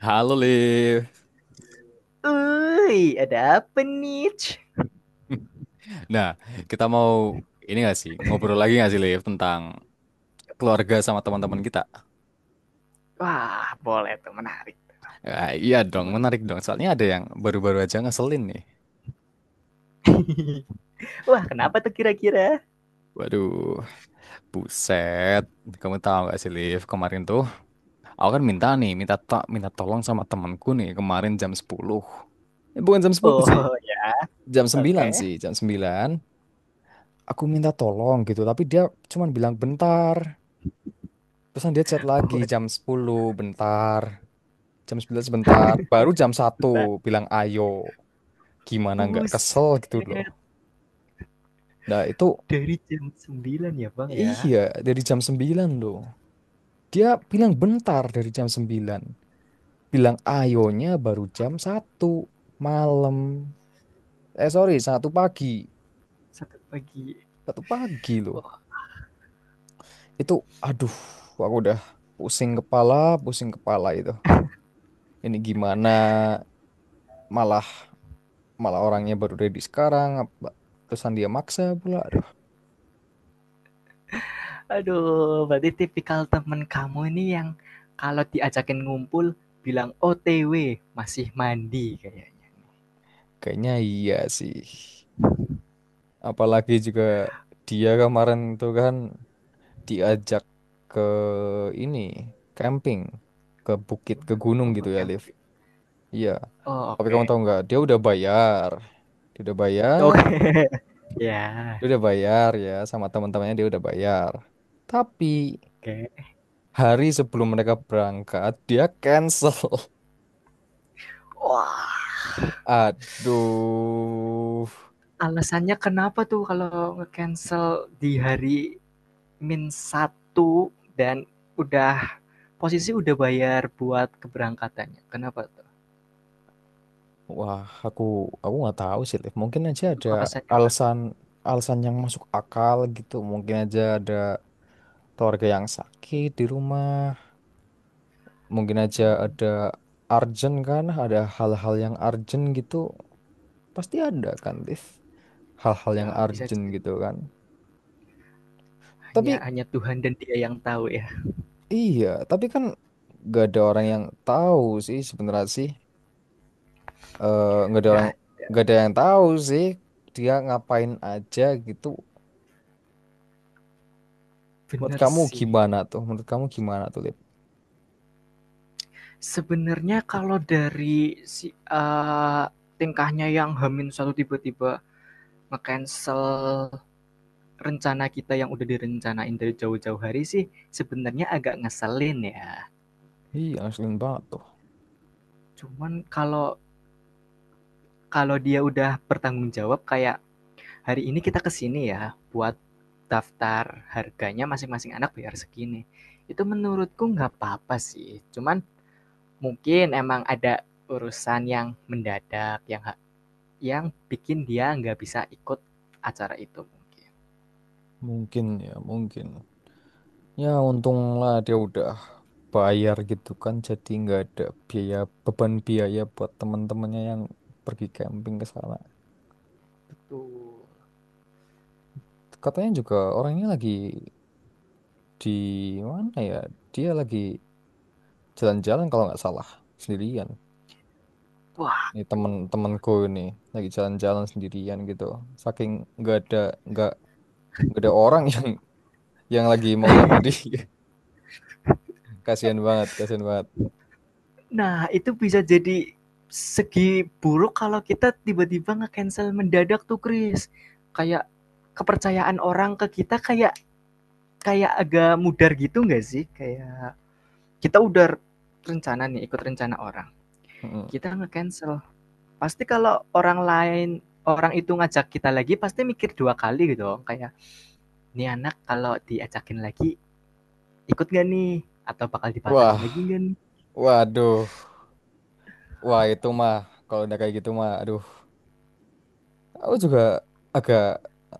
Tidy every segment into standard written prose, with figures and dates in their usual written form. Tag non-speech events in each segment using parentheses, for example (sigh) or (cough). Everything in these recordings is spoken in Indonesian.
Halo Liv. Wuih, ada apa nih? (laughs) Nah, kita mau ini gak sih ngobrol lagi gak sih Liv tentang keluarga sama teman-teman kita? Wah, boleh tuh menarik. Ah, iya dong, Gimana? menarik dong. Soalnya ada yang baru-baru aja ngeselin nih. Wah, kenapa tuh kira-kira? Waduh, buset. Kamu tahu gak sih Liv, kemarin tuh aku kan minta nih, minta tak minta tolong sama temanku nih kemarin jam 10. Eh, bukan jam 10 sih, Oh ya, jam 9 oke. sih, jam 9, aku minta tolong gitu, tapi dia cuman bilang bentar. Terusan dia chat lagi jam Waduh, 10, bentar. Jam 9 sebentar. Baru jam 1 bentar. bilang ayo. Gimana nggak Buset, kesel gitu loh. Nah itu dari jam 9 ya Bang ya, iya dari jam 9 loh. Dia bilang bentar dari jam 9. Bilang ayonya baru jam 1 malam. Eh sorry, 1 pagi. sampai pagi. 1 pagi loh. Oh, Itu, aduh, aku udah pusing kepala, pusing kepala itu. Ini gimana malah malah orangnya baru ready sekarang. Terusan dia maksa pula. Aduh, aduh, berarti tipikal temen kamu ini yang kalau diajakin ngumpul bilang OTW, masih mandi kayaknya. kayaknya iya sih. Apalagi juga dia kemarin itu kan diajak ke ini camping ke bukit ke Gimana? gunung Oh, gitu ya Liv. camping. Iya. Oh, Tapi kamu oke. tahu nggak? Dia udah bayar. Dia udah bayar. Oke. (laughs) Ya, Dia udah bayar ya sama teman-temannya dia udah bayar. Tapi oke. hari sebelum mereka berangkat dia cancel. (laughs) Wah. Aduh. Alasannya kenapa tuh kalau nge-cancel di hari min satu dan udah posisi udah bayar buat keberangkatannya, kenapa tuh? Wah, aku aku nggak tahu sih Liv. Mungkin aja Untuk ada alasannya Kakak alasan alasan yang masuk akal gitu. Mungkin aja ada keluarga yang sakit di rumah, mungkin aja mmm, ada urgent kan, ada hal-hal yang urgent gitu, pasti ada kan, Liv, hal-hal yang ya bisa urgent gitu kan. hanya Tapi hanya Tuhan dan Dia yang tahu ya, iya, tapi kan gak ada orang yang tahu sih sebenarnya sih. Eh, nggak ada orang, nggak ada. nggak ada yang tahu sih dia ngapain aja gitu. Menurut Bener kamu sih. gimana tuh? Menurut kamu gimana tuh, Liv? Sebenarnya kalau dari si tingkahnya yang satu tiba-tiba nge-cancel rencana kita yang udah direncanain dari jauh-jauh hari sih, sebenarnya agak ngeselin ya. Iya, ngeselin banget tuh. Cuman kalau kalau dia udah bertanggung jawab kayak, "Hari ini kita kesini ya, buat daftar harganya masing-masing anak bayar segini." Itu menurutku nggak apa-apa sih, cuman mungkin emang ada urusan yang mendadak yang bikin dia nggak bisa ikut acara itu mungkin. Mungkin. Ya untunglah dia udah bayar gitu kan jadi nggak ada biaya beban biaya buat teman-temannya yang pergi camping ke sana. Betul. Katanya juga orangnya lagi di mana ya? Dia lagi jalan-jalan kalau nggak salah sendirian. Ini Waduh. temen-temenku ini lagi jalan-jalan sendirian gitu. Saking nggak ada nggak nggak ada orang (laughs) yang lagi mau sama dia. (laughs) Kasihan banget, kasihan banget. Nah, itu bisa jadi segi buruk kalau kita tiba-tiba nge-cancel mendadak tuh, Kris. Kayak kepercayaan orang ke kita kayak kayak agak mudar gitu nggak sih? Kayak kita udah rencana nih, ikut rencana orang. Mm-mm. Kita nge-cancel. Pasti kalau orang itu ngajak kita lagi pasti mikir dua kali gitu. Kayak, "Nih anak kalau diajakin lagi ikut gak nih? Atau bakal dibatalin lagi Wah, gak nih?" waduh, wah itu mah kalau udah kayak gitu mah, aduh. Aku juga agak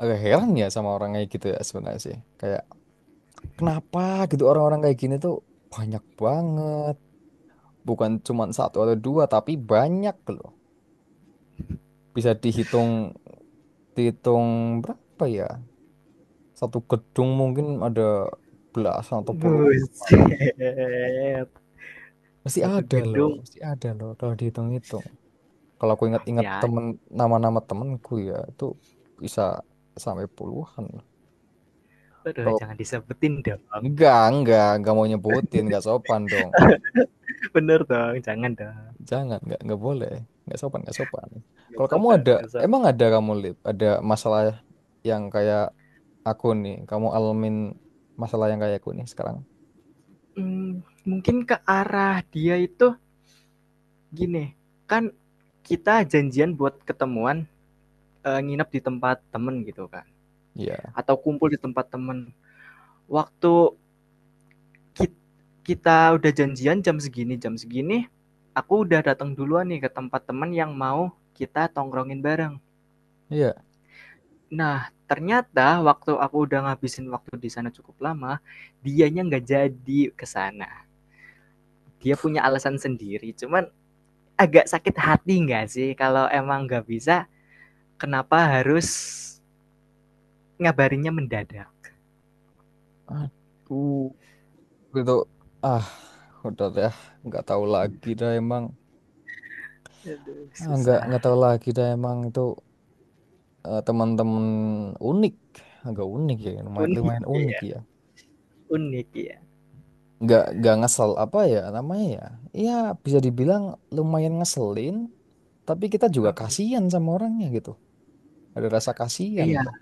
agak heran ya sama orang kayak gitu ya sebenarnya sih. Kayak kenapa gitu orang-orang kayak gini tuh banyak banget. Bukan cuma satu atau dua tapi banyak loh. Bisa dihitung dihitung berapa ya? Satu gedung mungkin ada belasan atau puluhan malah. Buset, satu gedung. Pasti ada loh kalau dihitung-hitung. Kalau aku Pasti ingat-ingat ada, temen nama-nama temenku ya itu bisa sampai puluhan. aduh jangan disebutin dong. Enggak mau nyebutin, enggak sopan dong. (laughs) Bener dong, jangan dong, Jangan, enggak boleh. Enggak sopan, enggak sopan. nggak Kalau kamu sopan ada, nggak sop emang ada kamu, Lip, ada masalah yang kayak aku nih. Kamu alamin masalah yang kayak aku nih sekarang. mmm, mungkin ke arah dia itu gini, kan kita janjian buat ketemuan, nginep di tempat temen gitu kan, Iya, atau kumpul di tempat temen. Waktu kit kita udah janjian jam segini, aku udah datang duluan nih ke tempat temen yang mau kita tongkrongin bareng. iya. Nah, ternyata waktu aku udah ngabisin waktu di sana cukup lama, dianya nggak jadi ke sana. Dia punya alasan sendiri, cuman agak sakit hati nggak sih kalau emang nggak bisa, kenapa harus ngabarinnya mendadak? Aduh, gitu. Ah, udah deh, enggak tahu lagi dah emang. Aduh, Ah, susah. enggak tahu lagi dah emang itu eh, teman-teman unik. Agak unik ya, lumayan, Unik lumayan unik ya, ya. unik ya. Nggak ngesel apa ya namanya ya ya bisa dibilang lumayan ngeselin tapi kita juga Mhm. kasihan sama orangnya gitu. Ada rasa kasihan Iya, loh.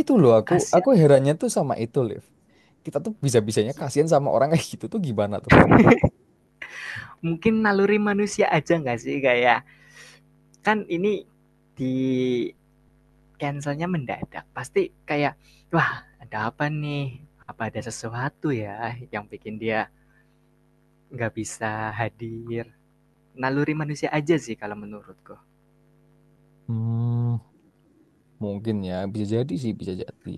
Itu loh, aku kasihan. herannya tuh sama itu Liv, kita tuh bisa-bisanya kasihan sama orang (laughs) kayak gitu tuh gimana tuh. Mungkin naluri manusia aja nggak sih kayak, kan ini di Cancelnya mendadak, pasti kayak, "Wah, ada apa nih? Apa ada sesuatu ya yang bikin dia nggak bisa hadir?" Naluri manusia aja sih kalau menurutku. Hmm, mungkin ya bisa jadi sih bisa jadi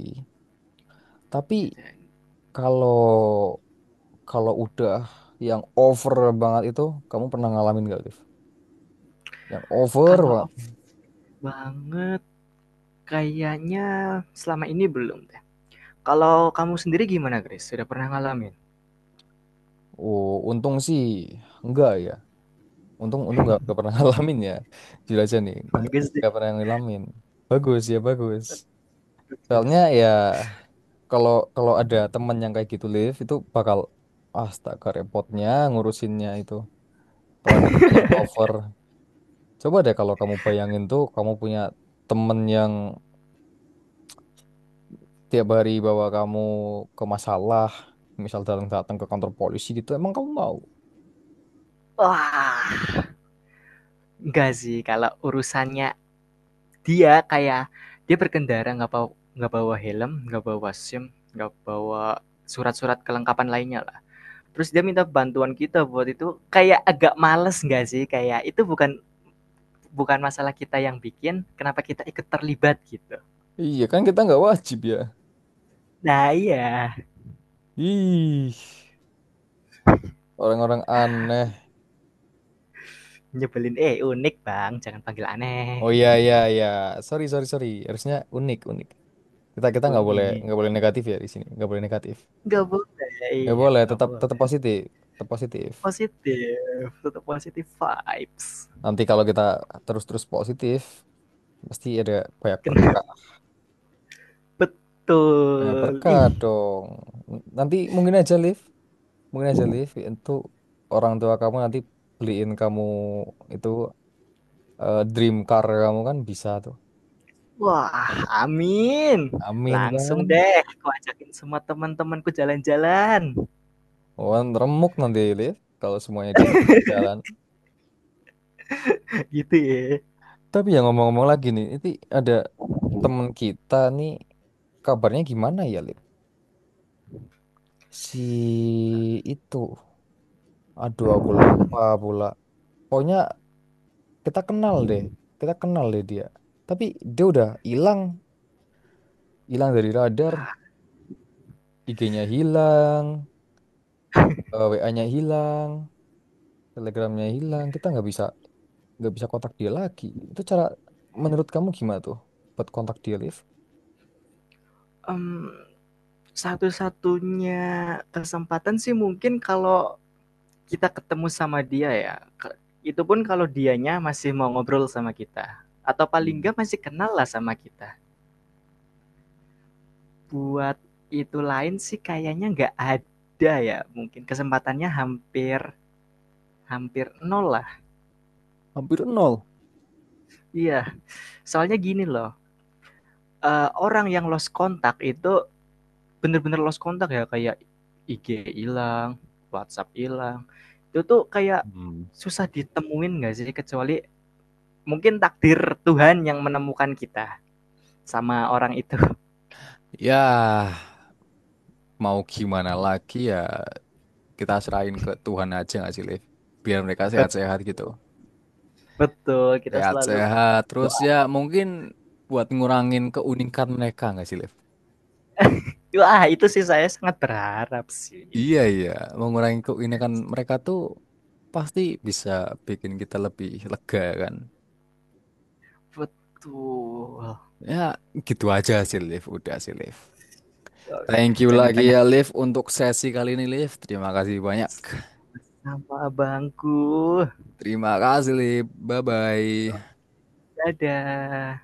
tapi Gitu. kalau kalau udah yang over banget itu, kamu pernah ngalamin gak Liv yang over Kalau banget? off banget kayaknya selama ini belum deh. Kalau kamu sendiri gimana, Grace? Sudah pernah ngalamin? Oh untung sih enggak ya. Untung untung nggak pernah (laughs) ngalamin ya, jujur aja nih. Untung nggak Bagus deh, nggak pernah ngalamin. Bagus ya bagus. Soalnya bagus. ya kalau kalau ada teman yang kayak gitu live itu bakal astaga repotnya ngurusinnya itu. Kalau ada teman yang over, coba deh kalau kamu bayangin tuh kamu punya temen yang tiap hari bawa kamu ke masalah, misal datang datang ke kantor polisi gitu, emang kamu mau? Wah, enggak sih kalau urusannya dia kayak dia berkendara nggak bawa helm, nggak bawa SIM, nggak bawa surat-surat kelengkapan lainnya lah. Terus dia minta bantuan kita buat itu kayak agak males nggak sih? Kayak itu bukan bukan masalah kita yang bikin, kenapa kita ikut terlibat gitu. Iya kan kita nggak wajib ya. Nah iya, Ih, orang-orang aneh. nyebelin. Eh unik bang, jangan panggil aneh. Oh iya iya iya. Sorry sorry sorry. Harusnya unik unik. Kita kita Unik. nggak boleh negatif ya di sini. Nggak boleh negatif. Nggak boleh, Nggak iya boleh. nggak Tetap tetap boleh. positif. Tetap positif. Positif, tetap positif vibes. Nanti kalau kita terus terus positif, pasti ada banyak Kenapa berkah. Banyak betul? berkah Ih, dong. Nanti mungkin aja Liv itu orang tua kamu nanti beliin kamu itu eh, dream car kamu kan bisa tuh. wah, amin. Amin Langsung kan? deh aku ajakin semua teman-temanku jalan-jalan, Oh, remuk nanti Liv kalau semuanya diajak jalan-jalan. (laughs) gitu ya. Tapi ya ngomong-ngomong lagi nih, itu ada temen kita nih kabarnya gimana ya, Lip? Si itu, aduh aku lupa pula. Pokoknya kita kenal deh, kita kenal deh dia. Tapi dia udah hilang, hilang dari radar. Nah, IG-nya hilang, WA-nya hilang, Telegramnya hilang. Kita nggak bisa kontak dia lagi. Itu cara menurut kamu gimana tuh buat kontak dia, Liv? mmm, satu-satunya kesempatan sih mungkin kalau kita ketemu sama dia ya, ke itu pun kalau dianya masih mau ngobrol sama kita, atau paling Hmm. nggak masih kenal lah sama kita. Buat itu lain sih kayaknya nggak ada ya, mungkin kesempatannya hampir hampir nol lah. Hampir nol. Iya, soalnya gini loh, orang yang lost kontak itu bener-bener lost kontak ya kayak IG hilang, WhatsApp hilang. Itu tuh kayak Hmm. susah ditemuin gak sih kecuali mungkin takdir Tuhan yang menemukan kita sama orang itu. Ya, mau gimana lagi ya kita serahin ke Tuhan aja nggak sih Liv biar mereka (laughs) sehat-sehat gitu Betul, kita selalu sehat-sehat terus doa. ya mungkin buat ngurangin keunikan mereka nggak sih Liv. Wah, itu sih saya sangat berharap sih. Iya, iya, mengurangi keunikan mereka tuh pasti bisa bikin kita lebih lega kan. Betul. Ya gitu aja sih Liv, udah sih Liv. Oke, Thank you jangan lagi banyak ya Liv untuk sesi kali ini Liv. Terima kasih banyak. nama abangku. Terima kasih Liv. Bye-bye. Dadah.